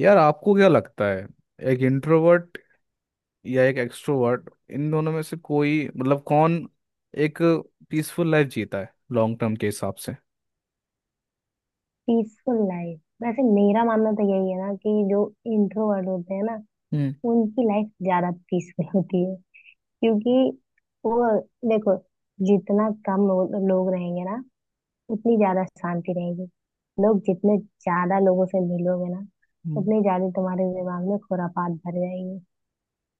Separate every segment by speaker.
Speaker 1: यार, आपको क्या लगता है, एक इंट्रोवर्ट या एक एक्सट्रोवर्ट, इन दोनों में से कोई मतलब कौन एक पीसफुल लाइफ जीता है लॉन्ग टर्म के हिसाब से?
Speaker 2: Peaceful life. वैसे मेरा मानना तो यही है ना कि जो इंट्रोवर्ट होते हैं ना,
Speaker 1: हम्म।
Speaker 2: उनकी लाइफ ज्यादा पीसफुल होती है। क्योंकि वो, देखो, जितना कम लोग रहेंगे ना, उतनी ज्यादा शांति रहेगी। लोग जितने ज्यादा लोगों से मिलोगे ना,
Speaker 1: हम्म।
Speaker 2: उतने ज्यादा तुम्हारे दिमाग में खुरापात भर जाएगी।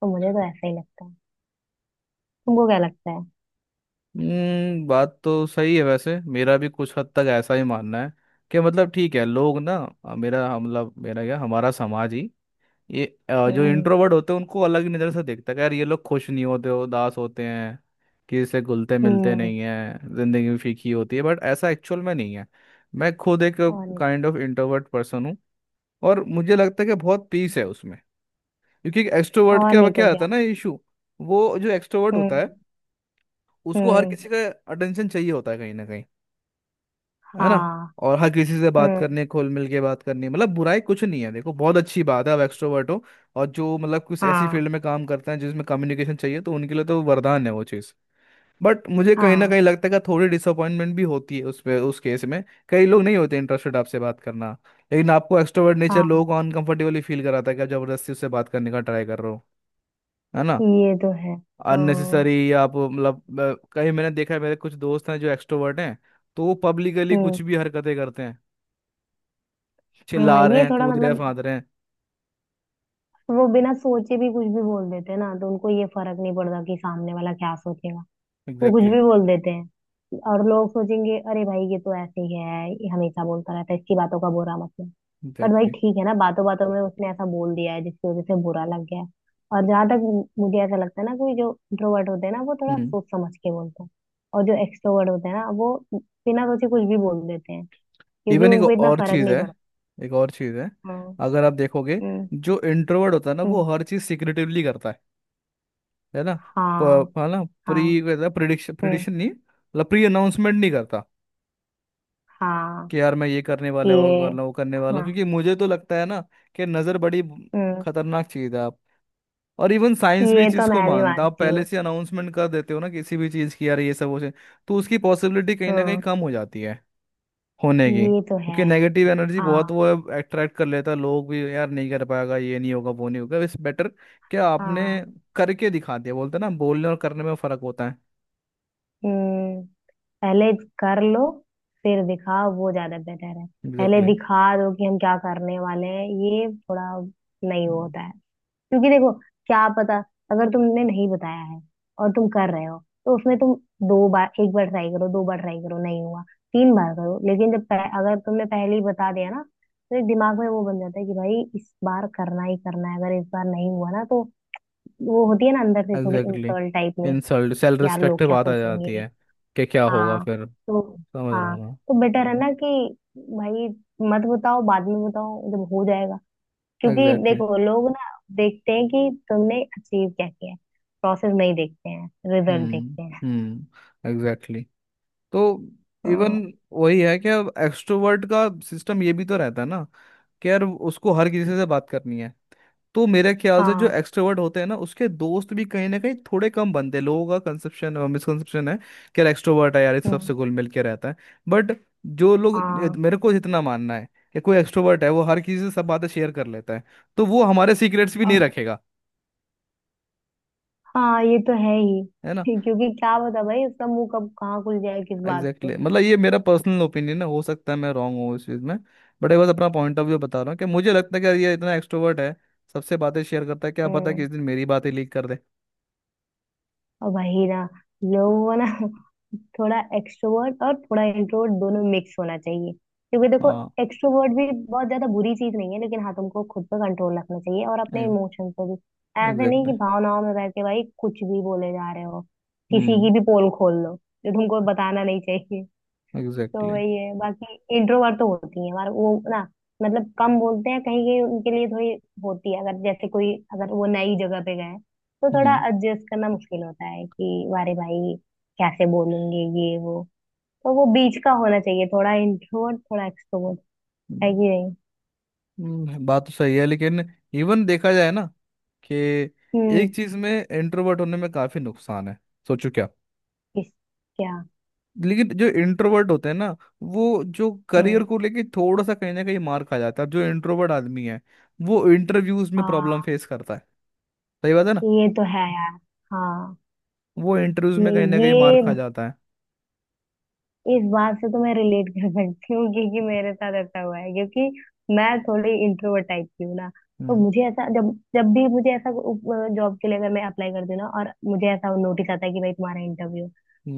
Speaker 2: तो मुझे तो ऐसा ही लगता है। तुमको क्या लगता है?
Speaker 1: हम्म। बात तो सही है, वैसे मेरा भी कुछ हद तक ऐसा ही मानना है कि मतलब ठीक है। लोग ना, मेरा मतलब मेरा क्या हमारा समाज ही ये जो
Speaker 2: हम्म।
Speaker 1: इंट्रोवर्ट होते हैं उनको अलग ही नज़र से देखता है कि यार, ये लोग खुश नहीं होते, हो उदास होते हैं, किसी से घुलते मिलते
Speaker 2: हम्म।
Speaker 1: नहीं है, ज़िंदगी में फीकी होती है, बट ऐसा एक्चुअल में नहीं है। मैं खुद एक
Speaker 2: और नहीं।
Speaker 1: काइंड ऑफ इंट्रोवर्ट पर्सन हूँ, और मुझे लगता है कि बहुत पीस है उसमें, क्योंकि एक्सट्रोवर्ट
Speaker 2: और
Speaker 1: क्या
Speaker 2: नहीं तो
Speaker 1: क्या आता
Speaker 2: क्या।
Speaker 1: है ना इशू। वो जो एक्सट्रोवर्ट होता है
Speaker 2: हम्म।
Speaker 1: उसको हर
Speaker 2: हम्म।
Speaker 1: किसी का अटेंशन चाहिए होता है कहीं ना कहीं, है ना?
Speaker 2: हाँ।
Speaker 1: और हर किसी से बात
Speaker 2: हम्म।
Speaker 1: करने खोल मिल के बात करनी मतलब बुराई कुछ नहीं है, देखो बहुत अच्छी बात है आप एक्सट्रोवर्ट हो। और जो मतलब कुछ ऐसी
Speaker 2: हाँ।
Speaker 1: फील्ड में काम करते हैं जिसमें कम्युनिकेशन चाहिए तो उनके लिए तो वरदान है वो चीज़। बट मुझे कहीं ना
Speaker 2: हाँ।
Speaker 1: कहीं लगता है कि थोड़ी डिसअपॉइंटमेंट भी होती है उस पे, उस केस में कई लोग नहीं होते इंटरेस्टेड आपसे बात करना। लेकिन आपको एक्सट्रोवर्ट नेचर लोगों
Speaker 2: हाँ,
Speaker 1: को अनकंफर्टेबली फील कराता है कि आप जबरदस्ती उससे बात करने का ट्राई कर रहे हो, है ना?
Speaker 2: ये तो है। हाँ।
Speaker 1: अननेसेसरी आप मतलब कहीं मैंने देखा है, मेरे कुछ दोस्त हैं जो एक्सट्रोवर्ट हैं तो वो पब्लिकली
Speaker 2: हम्म।
Speaker 1: कुछ भी हरकतें करते हैं,
Speaker 2: हाँ,
Speaker 1: चिल्ला रहे
Speaker 2: ये
Speaker 1: हैं,
Speaker 2: थोड़ा
Speaker 1: कूद रहे हैं,
Speaker 2: मतलब,
Speaker 1: फांद रहे हैं।
Speaker 2: वो बिना सोचे भी कुछ भी बोल देते हैं ना, तो उनको ये फर्क नहीं पड़ता कि सामने वाला क्या सोचेगा। वो कुछ
Speaker 1: एग्जैक्टली।
Speaker 2: भी बोल देते हैं। और लोग सोचेंगे, अरे भाई ये तो ऐसे ही है, ये हमेशा बोलता रहता है, इसकी बातों का बुरा मतलब। पर भाई,
Speaker 1: एग्जैक्टली।
Speaker 2: ठीक है ना, बातों बातों में उसने ऐसा बोल दिया है जिसकी वजह से बुरा लग गया है। और जहां तक, मुझे ऐसा लगता है ना कि जो इंट्रोवर्ट होते हैं ना, वो थोड़ा
Speaker 1: हम्म।
Speaker 2: सोच समझ के बोलते हैं। और जो एक्सट्रोवर्ट होते हैं ना, वो बिना सोचे कुछ भी बोल देते हैं, क्योंकि
Speaker 1: इवन एक
Speaker 2: उनको इतना
Speaker 1: और
Speaker 2: फर्क
Speaker 1: चीज़
Speaker 2: नहीं
Speaker 1: है,
Speaker 2: पड़ता।
Speaker 1: एक और चीज़ है,
Speaker 2: हाँ।
Speaker 1: अगर आप देखोगे, जो इंट्रोवर्ट होता है ना वो हर चीज़ सिक्रेटिवली करता है ना?
Speaker 2: 嗯嗯，好好，嗯好，ये।
Speaker 1: है ना प्री प्रिडिक्शन प्रिडिक्शन नहीं, मतलब प्री अनाउंसमेंट नहीं करता
Speaker 2: हाँ हाँ।
Speaker 1: कि यार मैं ये करने वाला
Speaker 2: हम्म। हाँ,
Speaker 1: हूँ
Speaker 2: ये।
Speaker 1: वरना वो करने वाला हूँ,
Speaker 2: हाँ।
Speaker 1: क्योंकि मुझे तो लगता है ना कि नज़र बड़ी
Speaker 2: हम्म।
Speaker 1: खतरनाक चीज़ है आप। और इवन साइंस भी
Speaker 2: ये
Speaker 1: इस
Speaker 2: तो
Speaker 1: चीज़ को
Speaker 2: मैं भी
Speaker 1: मानता है, आप
Speaker 2: मानती
Speaker 1: पहले
Speaker 2: हूँ।
Speaker 1: से अनाउंसमेंट कर देते हो ना किसी भी चीज़ की, यार ये सब हो जाए तो उसकी पॉसिबिलिटी कहीं ना कहीं
Speaker 2: हम्म।
Speaker 1: कम हो जाती है होने की,
Speaker 2: ये तो है।
Speaker 1: क्योंकि नेगेटिव एनर्जी बहुत
Speaker 2: हाँ।
Speaker 1: वो अट्रैक्ट कर लेता है। लोग भी, यार नहीं कर पाएगा, ये नहीं होगा, वो नहीं होगा, इस बेटर क्या आपने
Speaker 2: हाँ।
Speaker 1: करके दिखा दिया, बोलते हैं ना बोलने और करने में फर्क होता है।
Speaker 2: हम्म। पहले कर लो फिर दिखाओ, वो ज्यादा बेहतर है। पहले
Speaker 1: एग्जैक्टली।
Speaker 2: दिखा दो कि हम क्या करने वाले हैं, ये थोड़ा नहीं होता है। क्योंकि देखो, क्या पता, अगर तुमने नहीं बताया है और तुम कर रहे हो, तो उसमें तुम दो बार, एक बार ट्राई करो, दो बार ट्राई करो, नहीं हुआ, तीन बार करो। लेकिन जब अगर तुमने पहले ही बता दिया ना, तो एक दिमाग में वो बन जाता है कि भाई इस बार करना ही करना है, अगर इस बार नहीं हुआ ना, तो वो होती है ना अंदर से थोड़ी
Speaker 1: एग्जैक्टली।
Speaker 2: इंसल्ट टाइप में।
Speaker 1: इंसल्ट, सेल्फ
Speaker 2: यार लोग
Speaker 1: रिस्पेक्ट
Speaker 2: क्या
Speaker 1: बात आ जाती
Speaker 2: सोचेंगे।
Speaker 1: है कि क्या होगा
Speaker 2: हाँ
Speaker 1: फिर।
Speaker 2: तो
Speaker 1: समझ रहा
Speaker 2: हाँ
Speaker 1: हूँ।
Speaker 2: तो बेटर है ना कि, भाई, मत बताओ, बाद में बताओ जब हो जाएगा।
Speaker 1: मैं
Speaker 2: क्योंकि
Speaker 1: एग्जैक्टली।
Speaker 2: देखो लोग ना देखते हैं कि तुमने अचीव क्या किया है। प्रोसेस नहीं देखते हैं, रिजल्ट
Speaker 1: हम्म।
Speaker 2: देखते हैं।
Speaker 1: हम्म। एग्जैक्टली। तो
Speaker 2: हाँ।
Speaker 1: इवन वही है कि अब एक्सट्रोवर्ट का सिस्टम ये भी तो रहता है ना कि यार उसको हर किसी से बात करनी है, तो मेरे ख्याल से जो
Speaker 2: हाँ।
Speaker 1: एक्सट्रोवर्ट होते हैं ना उसके दोस्त भी कहीं ना कहीं थोड़े कम बनते हैं। लोगों का कंसेप्शन मिसकंसेप्शन है कि यार एक्सट्रोवर्ट है यार इस
Speaker 2: हम्म,
Speaker 1: सबसे घुल मिल के रहता है, बट जो लोग
Speaker 2: हाँ।
Speaker 1: मेरे को जितना मानना है कि कोई एक्सट्रोवर्ट है वो हर किसी से सब बातें शेयर कर लेता है तो वो हमारे सीक्रेट्स भी नहीं
Speaker 2: हाँ।
Speaker 1: रखेगा,
Speaker 2: हाँ, ये तो है ही।
Speaker 1: है ना?
Speaker 2: क्योंकि क्या पता भाई, उसका मुंह कब कहाँ खुल जाए, किस बात
Speaker 1: एग्जैक्टली,
Speaker 2: पे।
Speaker 1: exactly। मतलब ये मेरा पर्सनल ओपिनियन है, हो सकता है मैं रॉन्ग हूँ इस चीज़ में, बट एक बार अपना पॉइंट ऑफ व्यू बता रहा हूँ कि मुझे लगता है कि यार ये इतना एक्सट्रोवर्ट है, सबसे बातें शेयर करता है, क्या पता किसी
Speaker 2: हम्म।
Speaker 1: दिन मेरी बातें लीक कर दे।
Speaker 2: और वही ना, लोगों को ना थोड़ा एक्सट्रोवर्ट और थोड़ा इंट्रोवर्ट दोनों मिक्स होना चाहिए। क्योंकि देखो,
Speaker 1: हाँ।
Speaker 2: एक्सट्रोवर्ट भी बहुत ज्यादा बुरी चीज नहीं है, लेकिन हाँ तुमको खुद पर कंट्रोल रखना चाहिए, और अपने इमोशंस पे भी। ऐसे नहीं
Speaker 1: एग्जैक्टली।
Speaker 2: कि भावनाओं में बह के भाई कुछ भी बोले जा रहे हो, किसी
Speaker 1: हम्म।
Speaker 2: की भी पोल खोल लो जो तुमको बताना नहीं चाहिए। तो
Speaker 1: एग्जैक्टली।
Speaker 2: वही है। बाकी इंट्रोवर्ट तो होती है हमारा वो ना, मतलब कम बोलते हैं, कहीं कहीं उनके लिए थोड़ी होती है, अगर जैसे कोई, अगर वो नई जगह पे गए, तो थोड़ा
Speaker 1: हम्म।
Speaker 2: एडजस्ट करना मुश्किल होता है कि वारे भाई कैसे बोलेंगे, ये वो। तो वो बीच का होना चाहिए, थोड़ा इंट्रोवर्ट थोड़ा एक्सट्रोवर्ट। है
Speaker 1: हम्म।
Speaker 2: कि नहीं?
Speaker 1: हम्म। बात तो सही है, लेकिन इवन देखा जाए ना कि
Speaker 2: हम्म।
Speaker 1: एक चीज में इंट्रोवर्ट होने में काफी नुकसान है। सोचो क्या।
Speaker 2: किस? क्या?
Speaker 1: लेकिन जो इंट्रोवर्ट होते हैं ना वो जो करियर
Speaker 2: हम्म।
Speaker 1: को लेके थोड़ा सा कहीं ना कहीं मार खा जाता है, अब जो इंट्रोवर्ट आदमी है वो इंटरव्यूज में प्रॉब्लम
Speaker 2: हाँ,
Speaker 1: फेस करता है, सही बात है ना?
Speaker 2: ये तो है यार। हाँ।
Speaker 1: वो इंटरव्यूज में
Speaker 2: नहीं,
Speaker 1: कहीं ना कहीं मार
Speaker 2: ये,
Speaker 1: खा जाता है।
Speaker 2: इस बात से तो मैं रिलेट कर सकती हूँ, क्योंकि मेरे साथ ऐसा हुआ है। क्योंकि मैं थोड़ी इंट्रोवर्ट टाइप की हूँ ना, तो
Speaker 1: हम्म।
Speaker 2: मुझे ऐसा, जब जब भी मुझे ऐसा जॉब के लिए अगर मैं अप्लाई करती हूँ ना, और मुझे ऐसा नोटिस आता है कि भाई तुम्हारा इंटरव्यू,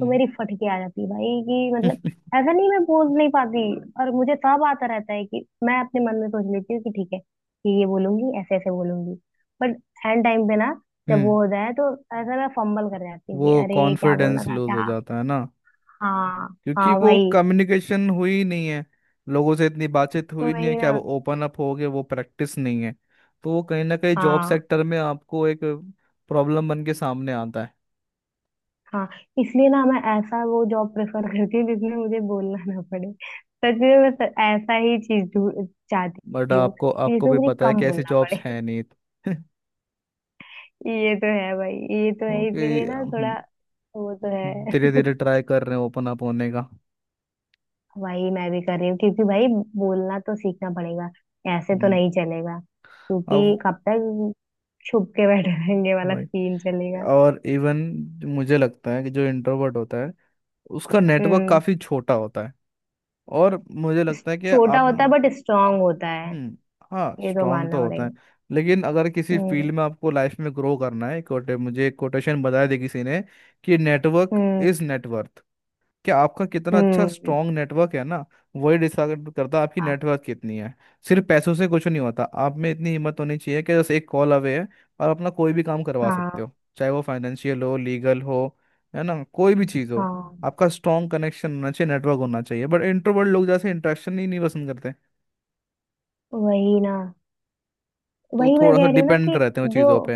Speaker 2: तो मेरी फटके आ जाती है भाई, कि मतलब ऐसा नहीं, मैं बोल नहीं पाती। और मुझे सब आता रहता है, कि मैं अपने मन में सोच लेती हूँ कि ठीक है कि ये बोलूंगी ऐसे ऐसे बोलूंगी, बट एंड टाइम पे ना, जब वो
Speaker 1: हम्म।
Speaker 2: हो जाए तो ऐसा मैं फंबल कर जाती हूँ
Speaker 1: वो
Speaker 2: कि अरे क्या बोलना
Speaker 1: कॉन्फिडेंस
Speaker 2: था
Speaker 1: लूज हो
Speaker 2: क्या।
Speaker 1: जाता है ना,
Speaker 2: हाँ।
Speaker 1: क्योंकि
Speaker 2: हाँ
Speaker 1: वो
Speaker 2: भाई।
Speaker 1: कम्युनिकेशन हुई ही नहीं है, लोगों से इतनी बातचीत हुई नहीं है,
Speaker 2: वही
Speaker 1: क्या
Speaker 2: ना।
Speaker 1: वो ओपन अप हो गए, वो प्रैक्टिस नहीं है, तो वो कहीं ना कहीं जॉब
Speaker 2: हाँ।
Speaker 1: सेक्टर में आपको एक प्रॉब्लम बन के सामने आता है।
Speaker 2: हाँ, इसलिए ना मैं ऐसा वो जॉब प्रेफर करती हूँ जिसमें मुझे बोलना ना पड़े। सच में मैं ऐसा ही चीज
Speaker 1: बट
Speaker 2: चाहती हूँ
Speaker 1: आपको
Speaker 2: कि
Speaker 1: आपको
Speaker 2: जिसमें
Speaker 1: भी
Speaker 2: मुझे
Speaker 1: पता है
Speaker 2: कम
Speaker 1: कि ऐसी
Speaker 2: बोलना
Speaker 1: जॉब्स
Speaker 2: पड़े।
Speaker 1: हैं नहीं।
Speaker 2: ये तो है भाई, ये तो है, इसीलिए
Speaker 1: क्योंकि
Speaker 2: ना
Speaker 1: हम
Speaker 2: थोड़ा। वो तो है।
Speaker 1: धीरे धीरे ट्राई कर रहे हैं ओपन अप होने का।
Speaker 2: वही मैं भी कर रही हूँ, क्योंकि भाई बोलना तो सीखना पड़ेगा, ऐसे तो
Speaker 1: हम्म।
Speaker 2: नहीं चलेगा, क्योंकि
Speaker 1: अब
Speaker 2: कब तक छुप के बैठे रहेंगे वाला
Speaker 1: वही।
Speaker 2: सीन चलेगा।
Speaker 1: और इवन मुझे लगता है कि जो इंट्रोवर्ट होता है उसका नेटवर्क
Speaker 2: हम्म।
Speaker 1: काफ़ी छोटा होता है, और मुझे लगता है कि
Speaker 2: छोटा
Speaker 1: आप
Speaker 2: होता है, बट स्ट्रांग होता है।
Speaker 1: हम्म हाँ
Speaker 2: ये तो
Speaker 1: स्ट्रांग
Speaker 2: मानना
Speaker 1: तो होता
Speaker 2: पड़ेगा।
Speaker 1: है, लेकिन अगर किसी
Speaker 2: हम्म।
Speaker 1: फील्ड में आपको लाइफ में ग्रो करना है, कोटे, मुझे एक कोटेशन बताया थी किसी ने कि नेटवर्क
Speaker 2: हम्म।
Speaker 1: Is net worth. क्या आपका कितना अच्छा
Speaker 2: हम्म।
Speaker 1: स्ट्रांग नेटवर्क है ना, वही डिसाइड करता है आपकी
Speaker 2: हाँ।
Speaker 1: नेटवर्क कितनी है। सिर्फ पैसों से कुछ नहीं होता, आप में इतनी हिम्मत होनी चाहिए कि बस एक कॉल अवे है और अपना कोई भी काम करवा
Speaker 2: हाँ।
Speaker 1: सकते हो, चाहे वो फाइनेंशियल हो लीगल हो, है ना, कोई भी चीज़ हो,
Speaker 2: हाँ।
Speaker 1: आपका स्ट्रांग कनेक्शन होना चाहिए, नेटवर्क होना चाहिए। बट इंट्रोवर्ट लोग जैसे इंट्रैक्शन ही नहीं पसंद करते,
Speaker 2: वही ना।
Speaker 1: तो
Speaker 2: वही मैं
Speaker 1: थोड़ा सा
Speaker 2: कह रही हूँ ना
Speaker 1: डिपेंड
Speaker 2: कि,
Speaker 1: रहते हैं
Speaker 2: जो,
Speaker 1: चीज़ों पे।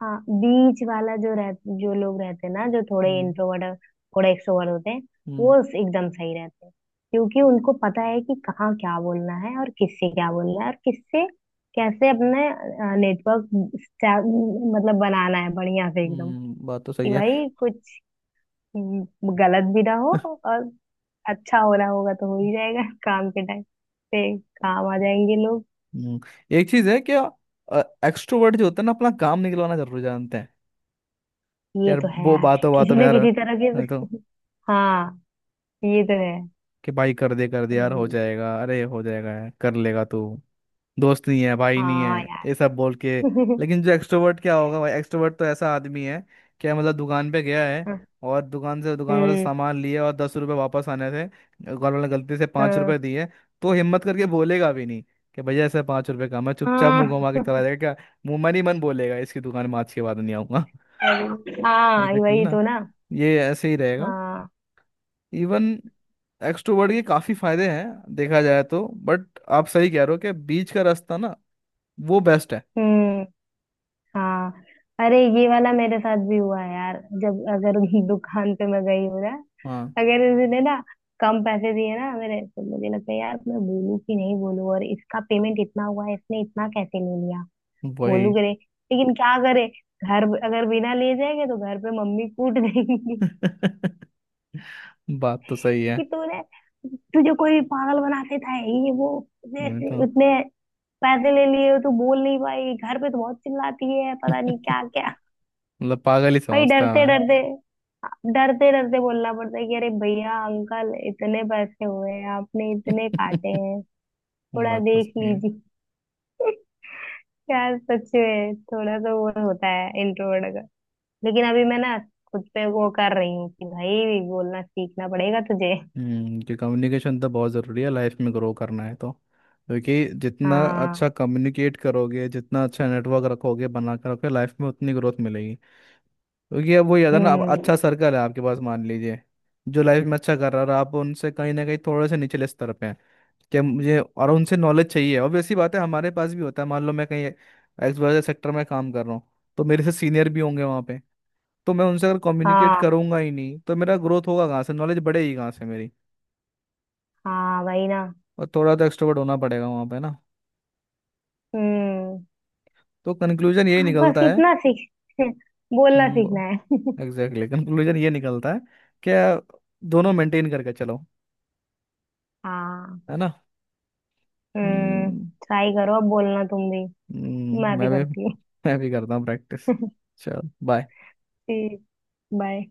Speaker 2: हाँ, बीच वाला जो रह, जो लोग रहते हैं ना जो थोड़े
Speaker 1: हम्म।
Speaker 2: इंट्रोवर्ट थोड़े एक्सट्रोवर्ट होते हैं,
Speaker 1: हम्म।
Speaker 2: वो एकदम सही रहते हैं। क्योंकि उनको पता है कि कहाँ क्या बोलना है, और किससे क्या बोलना है, और किससे कैसे अपने नेटवर्क मतलब बनाना है बढ़िया से एकदम।
Speaker 1: हम्म। बात तो
Speaker 2: कि
Speaker 1: सही है।
Speaker 2: भाई कुछ गलत भी ना हो, और अच्छा हो रहा होगा तो हो ही जाएगा। काम के टाइम पे काम आ जाएंगे लोग।
Speaker 1: हम्म। एक चीज़ है क्या, एक्सट्रोवर्ट जो होते हैं ना अपना काम निकलवाना जरूर जानते हैं, कि
Speaker 2: ये
Speaker 1: यार
Speaker 2: तो है
Speaker 1: वो
Speaker 2: यार।
Speaker 1: बातों
Speaker 2: किसी
Speaker 1: बातों में
Speaker 2: ना
Speaker 1: यार,
Speaker 2: किसी तरह के
Speaker 1: नहीं
Speaker 2: तो,
Speaker 1: तो
Speaker 2: हाँ, ये तो है।
Speaker 1: कि भाई कर दे यार हो
Speaker 2: वही।
Speaker 1: जाएगा, अरे हो जाएगा यार, कर लेगा तू, दोस्त नहीं है भाई नहीं
Speaker 2: हाँ
Speaker 1: है,
Speaker 2: यार।
Speaker 1: ये सब बोल के। लेकिन जो एक्सट्रोवर्ट क्या होगा भाई, एक्सट्रोवर्ट तो ऐसा आदमी है, क्या मतलब दुकान पे गया है और दुकान से दुकान वाले से
Speaker 2: हम्म।
Speaker 1: सामान लिए, और 10 रुपए वापस आने थे, दुकान वाले ने गलती से पाँच
Speaker 2: हाँ।
Speaker 1: रुपए दिए तो हिम्मत करके बोलेगा भी नहीं कि भैया ऐसे 5 रुपए का, मैं चुपचाप
Speaker 2: हाँ।
Speaker 1: मुंह घुमा के चला जाएगा क्या, मुंह मन ही मन बोलेगा इसकी दुकान में आज के बाद नहीं आऊंगा।
Speaker 2: अरे, हाँ
Speaker 1: एग्जैक्टली
Speaker 2: वही
Speaker 1: ना,
Speaker 2: तो ना।
Speaker 1: ये ऐसे ही रहेगा।
Speaker 2: हाँ।
Speaker 1: इवन एक्सट्रोवर्ट के काफी फायदे हैं देखा जाए तो, बट आप सही कह रहे हो कि बीच का रास्ता ना वो बेस्ट है।
Speaker 2: हम्म। हाँ। अरे, ये वाला मेरे साथ भी हुआ है यार, जब अगर दुकान पे मैं गई हूँ ना,
Speaker 1: हाँ।
Speaker 2: अगर उसने ना कम पैसे दिए ना मेरे, तो मुझे लगता है यार, मैं बोलूँ कि नहीं बोलूँ, और इसका पेमेंट इतना हुआ है, इसने इतना कैसे ले लिया। बोलू
Speaker 1: वही।
Speaker 2: करे। लेकिन क्या करे, घर अगर बिना ले जाएंगे तो घर पे मम्मी कूट देंगी,
Speaker 1: बात तो सही है।
Speaker 2: कि तूने, तुझे कोई पागल बनाते था ये वो,
Speaker 1: मैं
Speaker 2: जैसे
Speaker 1: तो
Speaker 2: इतने पैसे ले लिए हो, तू बोल नहीं पाई, घर पे तो बहुत चिल्लाती है पता नहीं क्या क्या।
Speaker 1: मतलब पागल ही
Speaker 2: भाई
Speaker 1: समझता
Speaker 2: डरते
Speaker 1: है।
Speaker 2: डरते डरते डरते बोलना पड़ता है कि अरे भैया अंकल, इतने पैसे हुए हैं, आपने इतने काटे हैं,
Speaker 1: मैं
Speaker 2: थोड़ा
Speaker 1: बात तो
Speaker 2: देख
Speaker 1: सही है।
Speaker 2: लीजिए। यार सच में थोड़ा तो वो होता है इंट्रोवर्ट का। लेकिन अभी मैं ना खुद पे वो कर रही हूँ कि भाई बोलना सीखना पड़ेगा तुझे।
Speaker 1: हम्म, कि कम्युनिकेशन तो बहुत ज़रूरी है, लाइफ में ग्रो करना है तो, क्योंकि जितना
Speaker 2: हाँ।
Speaker 1: अच्छा कम्युनिकेट करोगे, जितना अच्छा नेटवर्क रखोगे बना कर रखोगे, लाइफ में उतनी ग्रोथ मिलेगी। क्योंकि अब वही है ना, अब
Speaker 2: हम्म।
Speaker 1: अच्छा सर्कल है आपके पास मान लीजिए जो लाइफ में अच्छा कर रहा है, और आप उनसे कहीं ना कहीं थोड़े से निचले स्तर पे हैं, क्या मुझे और उनसे नॉलेज चाहिए, ऑब्वियस सी बात है। हमारे पास भी होता है, मान लो मैं कहीं XY सेक्टर में काम कर रहा हूँ तो मेरे से सीनियर भी होंगे वहाँ पे, तो मैं उनसे अगर कम्युनिकेट
Speaker 2: हाँ।
Speaker 1: करूंगा ही नहीं तो मेरा ग्रोथ होगा कहाँ से, नॉलेज बढ़ेगी कहाँ से मेरी,
Speaker 2: हाँ भाई ना।
Speaker 1: और थोड़ा तो एक्सट्रोवर्ट होना पड़ेगा वहाँ पे ना।
Speaker 2: हम्म।
Speaker 1: तो कंक्लूजन यही
Speaker 2: हाँ, बस
Speaker 1: निकलता है।
Speaker 2: इतना सीख, बोलना सीखना
Speaker 1: हम्म।
Speaker 2: है।
Speaker 1: एग्जैक्टली, कंक्लूजन ये निकलता है कि दोनों मेंटेन करके चलो,
Speaker 2: हाँ।
Speaker 1: है ना?
Speaker 2: हम्म।
Speaker 1: हम्म।
Speaker 2: ट्राई करो अब बोलना तुम भी। मैं भी
Speaker 1: मैं भी।
Speaker 2: करती हूँ।
Speaker 1: मैं भी करता हूँ प्रैक्टिस। चल बाय।
Speaker 2: ठीक। बाय।